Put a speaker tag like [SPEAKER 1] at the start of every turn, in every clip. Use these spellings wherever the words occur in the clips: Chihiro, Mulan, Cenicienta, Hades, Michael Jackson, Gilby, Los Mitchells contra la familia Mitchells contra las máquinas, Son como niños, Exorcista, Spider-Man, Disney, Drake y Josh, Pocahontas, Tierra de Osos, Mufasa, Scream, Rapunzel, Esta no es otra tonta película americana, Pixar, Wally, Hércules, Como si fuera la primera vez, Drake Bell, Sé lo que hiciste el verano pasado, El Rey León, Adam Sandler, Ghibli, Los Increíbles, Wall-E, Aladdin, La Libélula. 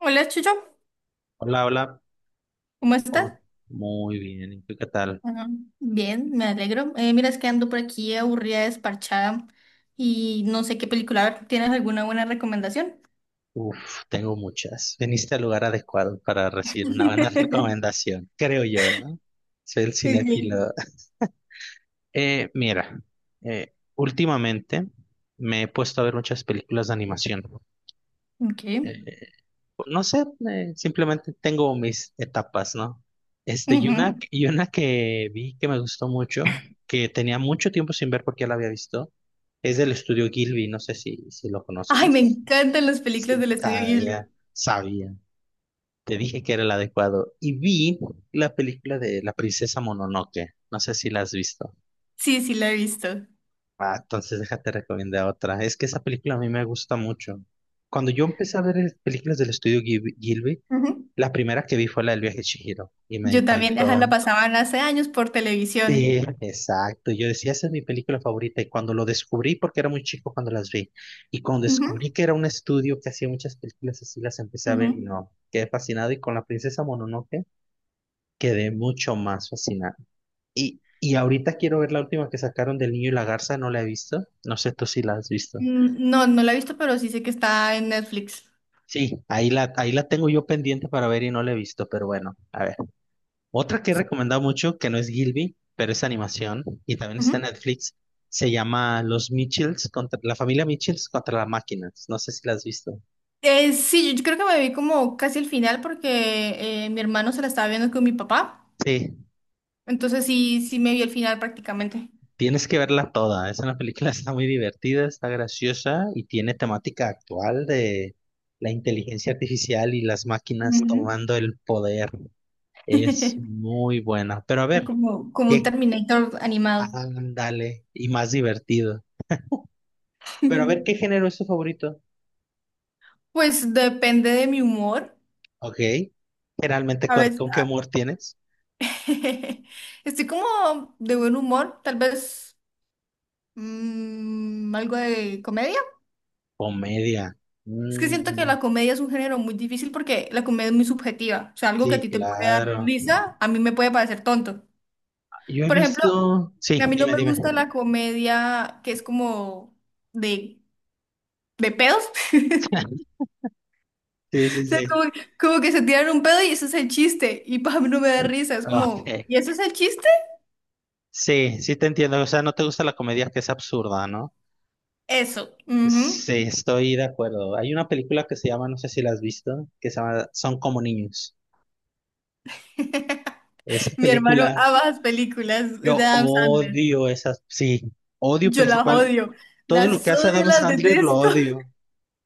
[SPEAKER 1] Hola, Chucho,
[SPEAKER 2] Hola, hola.
[SPEAKER 1] ¿cómo estás?
[SPEAKER 2] Oh, muy bien, ¿y tú qué tal?
[SPEAKER 1] Ah, bien, me alegro. Mira, es que ando por aquí aburrida, desparchada y no sé qué película ver. ¿Tienes alguna buena recomendación?
[SPEAKER 2] Uf, tengo muchas. Viniste al lugar adecuado para recibir una buena recomendación, creo yo, ¿no? Soy el
[SPEAKER 1] Ok.
[SPEAKER 2] cinéfilo. Mira, últimamente me he puesto a ver muchas películas de animación.
[SPEAKER 1] Ok.
[SPEAKER 2] Eh, no sé, simplemente tengo mis etapas, ¿no? Y una,
[SPEAKER 1] Ujú.
[SPEAKER 2] y una que vi que me gustó mucho, que tenía mucho tiempo sin ver porque ya la había visto, es del estudio Gilby, no sé si lo
[SPEAKER 1] Ay, me
[SPEAKER 2] conozcas.
[SPEAKER 1] encantan las películas
[SPEAKER 2] Sí,
[SPEAKER 1] del estudio
[SPEAKER 2] ah,
[SPEAKER 1] Ghibli.
[SPEAKER 2] ya, sabía, te dije que era el adecuado. Y vi la película de La princesa Mononoke, no sé si la has visto.
[SPEAKER 1] Sí, sí, la he visto.
[SPEAKER 2] Ah, entonces déjate recomendar otra. Es que esa película a mí me gusta mucho. Cuando yo empecé a ver películas del estudio Gilby,
[SPEAKER 1] Ujú.
[SPEAKER 2] la primera que vi fue la del viaje de Chihiro y me
[SPEAKER 1] Yo también, ajá, la
[SPEAKER 2] encantó.
[SPEAKER 1] pasaban hace años por
[SPEAKER 2] Sí,
[SPEAKER 1] televisión.
[SPEAKER 2] exacto. Yo decía, esa es mi película favorita. Y cuando lo descubrí, porque era muy chico cuando las vi, y cuando
[SPEAKER 1] Ujú,
[SPEAKER 2] descubrí que era un estudio que hacía muchas películas así, las empecé a ver y
[SPEAKER 1] ujú.
[SPEAKER 2] no, quedé fascinado. Y con la princesa Mononoke quedé mucho más fascinado. Y ahorita quiero ver la última que sacaron del niño y la garza, no la he visto. No sé tú si la has visto.
[SPEAKER 1] No, no la he visto, pero sí sé que está en Netflix.
[SPEAKER 2] Sí, ahí la tengo yo pendiente para ver y no la he visto, pero bueno, a ver. Otra que he recomendado mucho, que no es Gilby, pero es animación y también está en Netflix, se llama Los Mitchells contra la familia Mitchells contra las máquinas. No sé si la has visto.
[SPEAKER 1] Sí, yo creo que me vi como casi el final porque mi hermano se la estaba viendo con mi papá.
[SPEAKER 2] Sí,
[SPEAKER 1] Entonces sí, sí me vi el final prácticamente.
[SPEAKER 2] tienes que verla toda. Es una película, está muy divertida, está graciosa y tiene temática actual de la inteligencia artificial y las máquinas
[SPEAKER 1] Ujú.
[SPEAKER 2] tomando el poder. Es muy buena. Pero a
[SPEAKER 1] Era
[SPEAKER 2] ver,
[SPEAKER 1] como un
[SPEAKER 2] qué
[SPEAKER 1] Terminator animado.
[SPEAKER 2] ándale y más divertido. Pero a ver, ¿qué género es tu favorito?
[SPEAKER 1] Pues depende de mi humor.
[SPEAKER 2] Ok. Generalmente,
[SPEAKER 1] A
[SPEAKER 2] ¿con,
[SPEAKER 1] veces
[SPEAKER 2] con qué humor tienes?
[SPEAKER 1] estoy como de buen humor, tal vez algo de comedia.
[SPEAKER 2] Comedia.
[SPEAKER 1] Es que siento que
[SPEAKER 2] Mm,
[SPEAKER 1] la comedia es un género muy difícil porque la comedia es muy subjetiva. O sea, algo que a
[SPEAKER 2] sí,
[SPEAKER 1] ti te puede dar
[SPEAKER 2] claro.
[SPEAKER 1] risa, a mí me puede parecer tonto.
[SPEAKER 2] Yo he
[SPEAKER 1] Por ejemplo,
[SPEAKER 2] visto. Sí,
[SPEAKER 1] a mí no
[SPEAKER 2] dime,
[SPEAKER 1] me
[SPEAKER 2] dime.
[SPEAKER 1] gusta la comedia que es como de, de pedos.
[SPEAKER 2] Sí, sí,
[SPEAKER 1] O sea,
[SPEAKER 2] sí.
[SPEAKER 1] como que se tiran un pedo y eso es el chiste. Y para mí no me da risa. Es como,
[SPEAKER 2] Ok.
[SPEAKER 1] ¿y eso es el chiste?
[SPEAKER 2] Sí, sí te entiendo. O sea, no te gusta la comedia que es absurda, ¿no?
[SPEAKER 1] Eso, ujú.
[SPEAKER 2] Sí, estoy de acuerdo. Hay una película que se llama, no sé si la has visto, que se llama Son como niños. Esa
[SPEAKER 1] Mi hermano
[SPEAKER 2] película,
[SPEAKER 1] ama las películas de
[SPEAKER 2] yo
[SPEAKER 1] Adam Sandler.
[SPEAKER 2] odio esas, sí, odio
[SPEAKER 1] Yo las
[SPEAKER 2] principal.
[SPEAKER 1] odio.
[SPEAKER 2] Todo lo que
[SPEAKER 1] Las
[SPEAKER 2] hace
[SPEAKER 1] odio,
[SPEAKER 2] Adam
[SPEAKER 1] las
[SPEAKER 2] Sandler lo
[SPEAKER 1] detesto.
[SPEAKER 2] odio.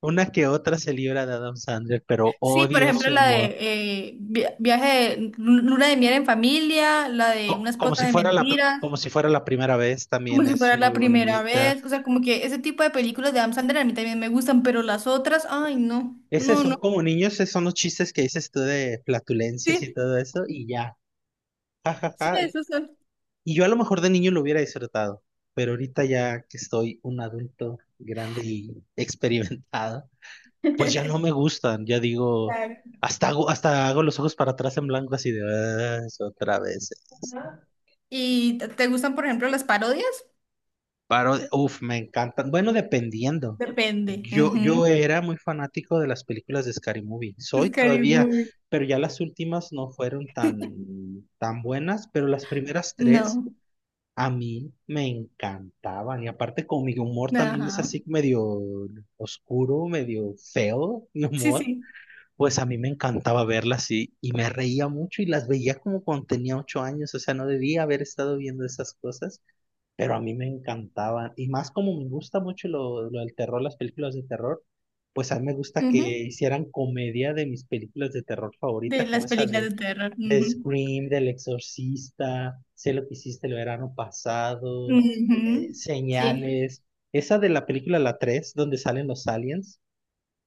[SPEAKER 2] Una que otra se libra de Adam Sandler, pero
[SPEAKER 1] Sí, por
[SPEAKER 2] odio
[SPEAKER 1] ejemplo,
[SPEAKER 2] su
[SPEAKER 1] la de
[SPEAKER 2] humor.
[SPEAKER 1] viaje, de luna de miel en familia, la de
[SPEAKER 2] Co-
[SPEAKER 1] una
[SPEAKER 2] Como,
[SPEAKER 1] esposa
[SPEAKER 2] si
[SPEAKER 1] de
[SPEAKER 2] fuera la, pr-
[SPEAKER 1] mentiras.
[SPEAKER 2] como si fuera la primera vez,
[SPEAKER 1] Como
[SPEAKER 2] también
[SPEAKER 1] si
[SPEAKER 2] es
[SPEAKER 1] fuera
[SPEAKER 2] muy
[SPEAKER 1] la primera
[SPEAKER 2] bonita.
[SPEAKER 1] vez. O sea, como que ese tipo de películas de Adam Sandler a mí también me gustan, pero las otras, ay, no,
[SPEAKER 2] Es
[SPEAKER 1] no,
[SPEAKER 2] eso,
[SPEAKER 1] no.
[SPEAKER 2] como niños, esos son los chistes que dices tú de flatulencias y
[SPEAKER 1] Sí,
[SPEAKER 2] todo eso, y ya.
[SPEAKER 1] sí,
[SPEAKER 2] Ajá.
[SPEAKER 1] esas son.
[SPEAKER 2] Y yo a lo mejor de niño lo hubiera disfrutado, pero ahorita ya que estoy un adulto grande y experimentado, pues ya no me gustan. Ya digo,
[SPEAKER 1] Claro.
[SPEAKER 2] hasta hago los ojos para atrás en blanco, así de, "Ah, es otra vez".
[SPEAKER 1] Ajá. ¿Y te gustan, por ejemplo, las parodias?
[SPEAKER 2] Parodia, uf, me encantan. Bueno, dependiendo.
[SPEAKER 1] Depende.
[SPEAKER 2] Yo
[SPEAKER 1] Ujú.
[SPEAKER 2] era muy fanático de las películas de Scary Movie. Soy
[SPEAKER 1] Scary
[SPEAKER 2] todavía,
[SPEAKER 1] Movie.
[SPEAKER 2] pero ya las últimas no fueron tan, tan buenas, pero las primeras tres
[SPEAKER 1] No,
[SPEAKER 2] a mí me encantaban. Y aparte con mi humor también es
[SPEAKER 1] ajá.
[SPEAKER 2] así medio oscuro, medio feo, mi
[SPEAKER 1] Sí,
[SPEAKER 2] humor.
[SPEAKER 1] sí.
[SPEAKER 2] Pues a mí me encantaba verlas y me reía mucho y las veía como cuando tenía 8 años, o sea, no debía haber estado viendo esas cosas, pero a mí me encantaban. Y más como me gusta mucho lo del terror, las películas de terror, pues a mí me gusta que
[SPEAKER 1] Ujú.
[SPEAKER 2] hicieran comedia de mis películas de terror
[SPEAKER 1] De
[SPEAKER 2] favoritas, como
[SPEAKER 1] las
[SPEAKER 2] esa
[SPEAKER 1] películas de terror.
[SPEAKER 2] de
[SPEAKER 1] Ujú.
[SPEAKER 2] Scream, del Exorcista, Sé lo que hiciste el verano pasado,
[SPEAKER 1] Ujú. Sí.
[SPEAKER 2] Señales, esa de la película La 3 donde salen los aliens.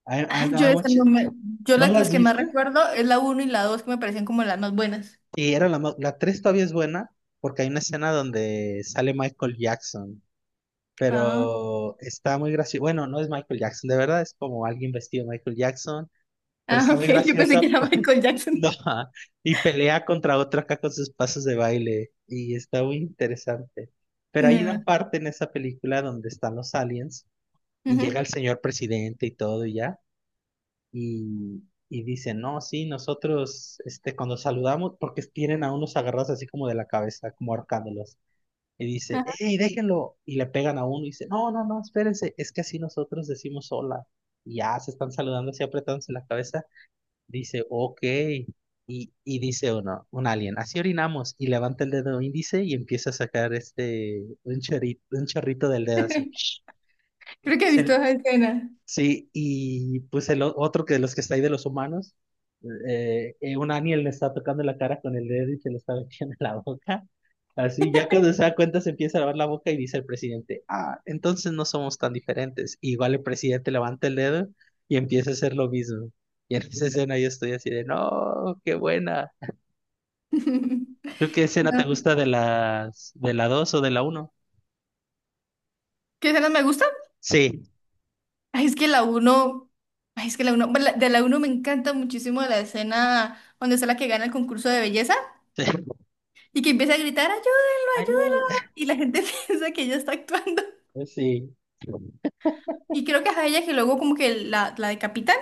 [SPEAKER 2] I-
[SPEAKER 1] Ah,
[SPEAKER 2] I'm-
[SPEAKER 1] yo
[SPEAKER 2] I'm
[SPEAKER 1] esa
[SPEAKER 2] watch-
[SPEAKER 1] no me-
[SPEAKER 2] ¿No
[SPEAKER 1] las
[SPEAKER 2] las
[SPEAKER 1] que más
[SPEAKER 2] viste?
[SPEAKER 1] recuerdo es la uno y la 2 que me parecen como las más buenas.
[SPEAKER 2] Y era la 3 todavía es buena porque hay una escena donde sale Michael Jackson
[SPEAKER 1] Ah.
[SPEAKER 2] pero está muy gracioso. Bueno, no es Michael Jackson, de verdad, es como alguien vestido de Michael Jackson, pero
[SPEAKER 1] Ah,
[SPEAKER 2] está
[SPEAKER 1] ok,
[SPEAKER 2] muy
[SPEAKER 1] yo pensé que
[SPEAKER 2] graciosa.
[SPEAKER 1] era Michael
[SPEAKER 2] No,
[SPEAKER 1] Jackson.
[SPEAKER 2] ajá, y pelea contra otro acá con sus pasos de baile y está muy interesante. Pero hay una
[SPEAKER 1] No.
[SPEAKER 2] parte en esa película donde están los aliens y
[SPEAKER 1] Ujú.
[SPEAKER 2] llega el señor presidente y todo y ya y, y dice, no, sí, nosotros cuando saludamos, porque tienen a unos agarrados así como de la cabeza, como ahorcándolos, y dice,
[SPEAKER 1] Ajá.
[SPEAKER 2] hey, déjenlo. Y le pegan a uno y dice, no, no, no, espérense, es que así nosotros decimos hola. Y ya se están saludando así apretándose la cabeza. Dice, ok. Y dice uno, un alien, así orinamos. Y levanta el dedo índice y empieza a sacar un chorrito del dedo así.
[SPEAKER 1] Creo que he visto
[SPEAKER 2] Se,
[SPEAKER 1] esa escena.
[SPEAKER 2] Sí, y pues el otro que de los que está ahí de los humanos, un alien le está tocando la cara con el dedo y se lo está metiendo en la boca. Así, ya cuando se da cuenta se empieza a lavar la boca y dice el presidente, ah, entonces no somos tan diferentes. Y igual el presidente levanta el dedo y empieza a hacer lo mismo. Y en esa escena yo estoy así de, no, qué buena. ¿Tú qué escena
[SPEAKER 1] No.
[SPEAKER 2] te gusta de de la dos o de la uno?
[SPEAKER 1] ¿Qué escenas me gustan?
[SPEAKER 2] Sí.
[SPEAKER 1] Ay, es que la uno, ay, es que la uno, bueno, de la uno me encanta muchísimo la escena donde es la que gana el concurso de belleza y que empieza a gritar, ayúdenlo,
[SPEAKER 2] Ay, eh,
[SPEAKER 1] ayúdenlo. Y la gente piensa que ella está actuando.
[SPEAKER 2] Sí,
[SPEAKER 1] Y creo que es a ella que luego como que la decapitan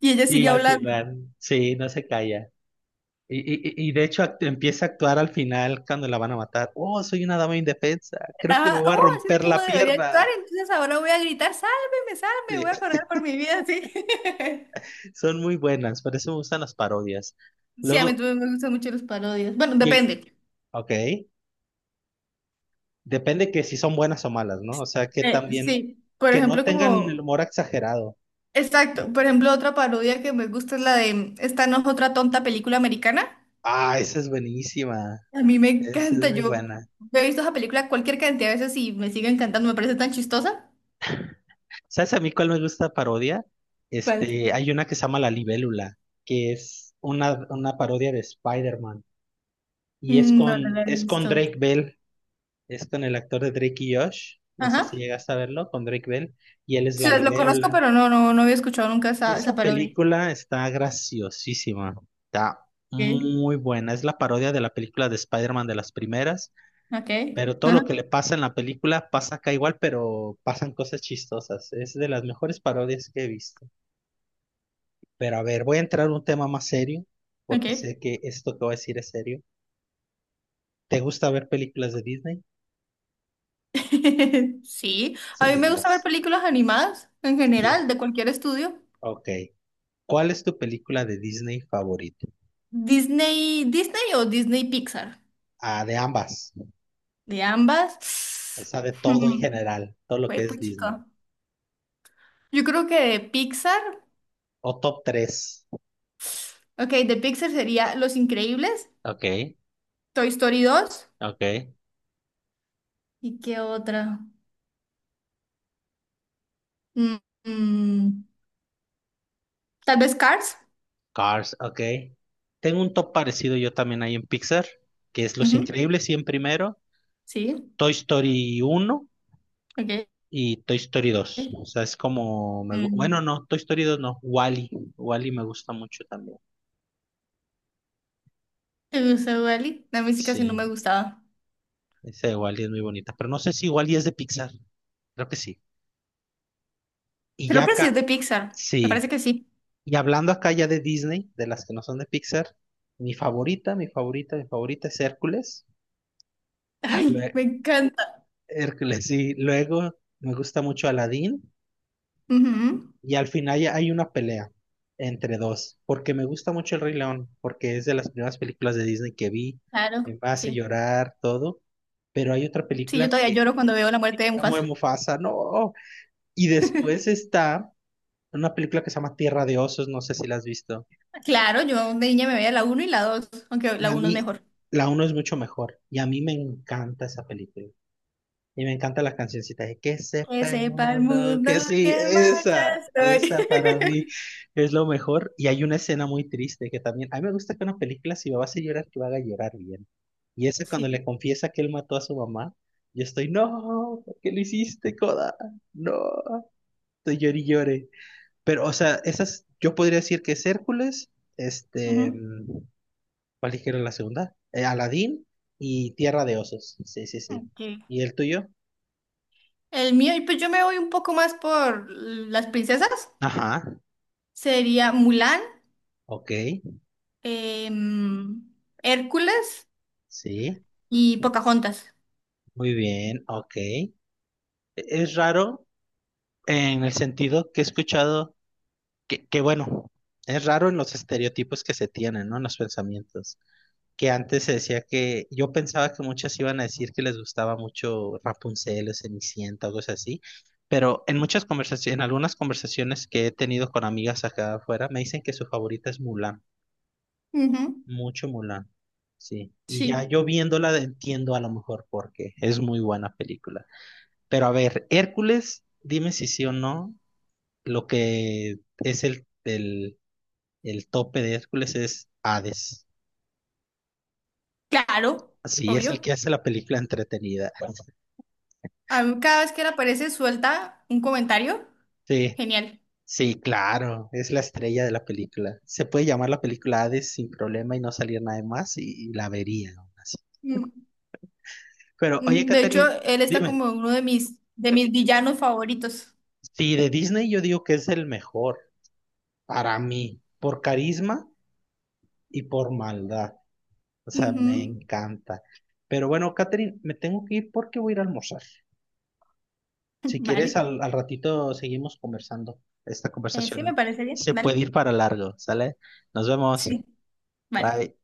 [SPEAKER 1] y ella
[SPEAKER 2] sí,
[SPEAKER 1] sigue
[SPEAKER 2] al
[SPEAKER 1] hablando.
[SPEAKER 2] final, sí, no se calla. Y de hecho empieza a actuar al final cuando la van a matar. Oh, soy una dama indefensa. Creo que me
[SPEAKER 1] Ajá,
[SPEAKER 2] voy a
[SPEAKER 1] oh, así es
[SPEAKER 2] romper
[SPEAKER 1] como
[SPEAKER 2] la
[SPEAKER 1] debería actuar,
[SPEAKER 2] pierna.
[SPEAKER 1] entonces ahora voy a gritar, sálveme,
[SPEAKER 2] Sí,
[SPEAKER 1] sálveme, voy a correr por mi vida, sí.
[SPEAKER 2] son muy buenas, por eso me gustan las parodias.
[SPEAKER 1] Sí, a mí
[SPEAKER 2] Luego,
[SPEAKER 1] también me gustan mucho las parodias. Bueno,
[SPEAKER 2] y-
[SPEAKER 1] depende.
[SPEAKER 2] ok, depende que si son buenas o malas, ¿no? O sea, que también,
[SPEAKER 1] Sí, por
[SPEAKER 2] que no
[SPEAKER 1] ejemplo,
[SPEAKER 2] tengan el
[SPEAKER 1] como.
[SPEAKER 2] humor exagerado.
[SPEAKER 1] Exacto. Por ejemplo, otra parodia que me gusta es la de Esta no es otra tonta película americana.
[SPEAKER 2] Ah, esa es buenísima.
[SPEAKER 1] A mí me
[SPEAKER 2] Esa es
[SPEAKER 1] encanta.
[SPEAKER 2] muy
[SPEAKER 1] Yo
[SPEAKER 2] buena.
[SPEAKER 1] he visto esa película cualquier cantidad de veces y me sigue encantando. Me parece tan chistosa.
[SPEAKER 2] ¿Sabes a mí cuál me gusta parodia?
[SPEAKER 1] ¿Cuál?
[SPEAKER 2] Hay una que se llama La Libélula, que es una parodia de Spider-Man. Y es
[SPEAKER 1] No, no
[SPEAKER 2] con,
[SPEAKER 1] la he
[SPEAKER 2] es con
[SPEAKER 1] visto.
[SPEAKER 2] Drake Bell, es con el actor de Drake y Josh, no sé si
[SPEAKER 1] Ajá.
[SPEAKER 2] llegas a verlo, con Drake Bell, y él es
[SPEAKER 1] Sí,
[SPEAKER 2] la
[SPEAKER 1] lo conozco,
[SPEAKER 2] libélula.
[SPEAKER 1] pero no, no, no había escuchado nunca esa, esa
[SPEAKER 2] Esa
[SPEAKER 1] parodia.
[SPEAKER 2] película está graciosísima, está
[SPEAKER 1] Okay.
[SPEAKER 2] muy buena, es la parodia de la película de Spider-Man de las primeras,
[SPEAKER 1] Ok.
[SPEAKER 2] pero todo
[SPEAKER 1] Ajá.
[SPEAKER 2] lo que le pasa en la película pasa acá igual, pero pasan cosas chistosas, es de las mejores parodias que he visto. Pero a ver, voy a entrar a un tema más serio, porque
[SPEAKER 1] Okay.
[SPEAKER 2] sé que esto que voy a decir es serio. ¿Te gusta ver películas de Disney?
[SPEAKER 1] Sí. A mí
[SPEAKER 2] Sí,
[SPEAKER 1] me gusta ver
[SPEAKER 2] las...
[SPEAKER 1] películas animadas en
[SPEAKER 2] Sí.
[SPEAKER 1] general, de cualquier estudio.
[SPEAKER 2] Ok. ¿Cuál es tu película de Disney favorita?
[SPEAKER 1] Disney, Disney o Disney Pixar,
[SPEAKER 2] Ah, de ambas.
[SPEAKER 1] de
[SPEAKER 2] O
[SPEAKER 1] ambas.
[SPEAKER 2] sea, de todo en general. Todo lo que
[SPEAKER 1] Fue
[SPEAKER 2] es Disney.
[SPEAKER 1] chico. Yo creo que de Pixar,
[SPEAKER 2] O top 3,
[SPEAKER 1] ok, de Pixar sería Los Increíbles,
[SPEAKER 2] ok,
[SPEAKER 1] Toy Story dos
[SPEAKER 2] ok.
[SPEAKER 1] y qué otra. Mm, mm, tal vez Cars.
[SPEAKER 2] Cars, ok. Tengo un top parecido yo también ahí en Pixar, que es Los
[SPEAKER 1] Ujú,
[SPEAKER 2] Increíbles 100 primero,
[SPEAKER 1] sí,
[SPEAKER 2] Toy Story 1
[SPEAKER 1] ok.
[SPEAKER 2] y Toy Story 2. O sea, es como... bueno,
[SPEAKER 1] Mm,
[SPEAKER 2] no, Toy Story 2 no. Wally. Wally me gusta mucho también.
[SPEAKER 1] ¿Te gusta Wall-E? La música sí no me
[SPEAKER 2] Sí,
[SPEAKER 1] gustaba.
[SPEAKER 2] ese de Wally es muy bonita. Pero no sé si Wally es de Pixar. Creo que sí. Y ya
[SPEAKER 1] Creo que sí es
[SPEAKER 2] acá,
[SPEAKER 1] de Pixar. Me parece
[SPEAKER 2] sí.
[SPEAKER 1] que sí.
[SPEAKER 2] Y hablando acá ya de Disney, de las que no son de Pixar, mi favorita, mi favorita, mi favorita es Hércules.
[SPEAKER 1] Ay,
[SPEAKER 2] Lue-
[SPEAKER 1] me encanta.
[SPEAKER 2] Hércules, sí. Luego me gusta mucho Aladdin.
[SPEAKER 1] Ujú,
[SPEAKER 2] Y al final ya hay una pelea entre dos. Porque me gusta mucho El Rey León, porque es de las primeras películas de Disney que vi.
[SPEAKER 1] claro,
[SPEAKER 2] Me hace
[SPEAKER 1] sí.
[SPEAKER 2] llorar, todo. Pero hay otra
[SPEAKER 1] Sí, yo
[SPEAKER 2] película
[SPEAKER 1] todavía
[SPEAKER 2] que
[SPEAKER 1] lloro cuando veo la muerte de
[SPEAKER 2] amo de
[SPEAKER 1] Mufasa.
[SPEAKER 2] Mufasa, no. Y después está una película que se llama Tierra de Osos, no sé si la has visto.
[SPEAKER 1] Claro, yo de niña me veía la uno y la dos, aunque
[SPEAKER 2] Y
[SPEAKER 1] la
[SPEAKER 2] a
[SPEAKER 1] uno es
[SPEAKER 2] mí,
[SPEAKER 1] mejor.
[SPEAKER 2] la uno es mucho mejor. Y a mí me encanta esa película. Y me encanta las cancioncitas de que
[SPEAKER 1] Que
[SPEAKER 2] sepa el
[SPEAKER 1] sepa el
[SPEAKER 2] mundo,
[SPEAKER 1] mundo
[SPEAKER 2] que
[SPEAKER 1] que
[SPEAKER 2] sí,
[SPEAKER 1] en marcha
[SPEAKER 2] esa,
[SPEAKER 1] estoy.
[SPEAKER 2] esa para mí es lo mejor. Y hay una escena muy triste que también, a mí me gusta que una película, si me vas a llorar, que me haga llorar bien. Y esa
[SPEAKER 1] Sí.
[SPEAKER 2] cuando le confiesa que él mató a su mamá, yo estoy, no, ¿por qué lo hiciste, Coda? No, estoy llore y llore. Pero, o sea, esas, yo podría decir que es Hércules, este,
[SPEAKER 1] Ujú.
[SPEAKER 2] ¿cuál dijeron la segunda? Aladdin y Tierra de Osos. Sí, sí, sí.
[SPEAKER 1] Ok.
[SPEAKER 2] ¿Y el tuyo?
[SPEAKER 1] El mío, y pues yo me voy un poco más por las princesas.
[SPEAKER 2] Ajá.
[SPEAKER 1] Sería Mulan,
[SPEAKER 2] Ok.
[SPEAKER 1] em, Hércules
[SPEAKER 2] Sí.
[SPEAKER 1] y Pocahontas.
[SPEAKER 2] Muy bien. Ok. Es raro en el sentido que he escuchado que bueno, es raro en los estereotipos que se tienen, ¿no? En los pensamientos. Que antes se decía que yo pensaba que muchas iban a decir que les gustaba mucho Rapunzel o Cenicienta o cosas así. Pero en muchas conversaciones, en algunas conversaciones que he tenido con amigas acá afuera, me dicen que su favorita es Mulan.
[SPEAKER 1] Ujú.
[SPEAKER 2] Mucho Mulan, sí. Y ya
[SPEAKER 1] Sí,
[SPEAKER 2] yo viéndola entiendo a lo mejor por qué. Es muy buena película. Pero a ver, Hércules, dime si sí o no. Lo que es el tope de Hércules es Hades.
[SPEAKER 1] claro,
[SPEAKER 2] Sí, es el que
[SPEAKER 1] obvio.
[SPEAKER 2] hace la película entretenida.
[SPEAKER 1] A mí cada vez que él aparece suelta un comentario,
[SPEAKER 2] Sí,
[SPEAKER 1] genial.
[SPEAKER 2] sí, claro. Es la estrella de la película. Se puede llamar la película Hades sin problema y no salir nada más y la vería aún así.
[SPEAKER 1] Mm,
[SPEAKER 2] Pero oye,
[SPEAKER 1] De
[SPEAKER 2] Catherine,
[SPEAKER 1] hecho, él está
[SPEAKER 2] dime.
[SPEAKER 1] como uno de mis villanos favoritos.
[SPEAKER 2] Sí, de Disney yo digo que es el mejor, para mí, por carisma y por maldad. O sea, me
[SPEAKER 1] Ujú.
[SPEAKER 2] encanta. Pero bueno, Catherine, me tengo que ir porque voy a ir a almorzar. Si quieres,
[SPEAKER 1] Vale.
[SPEAKER 2] al ratito seguimos conversando. Esta
[SPEAKER 1] Sí me
[SPEAKER 2] conversación
[SPEAKER 1] parece bien,
[SPEAKER 2] se puede
[SPEAKER 1] vale,
[SPEAKER 2] ir para largo, ¿sale? Nos vemos.
[SPEAKER 1] sí, vale.
[SPEAKER 2] Bye.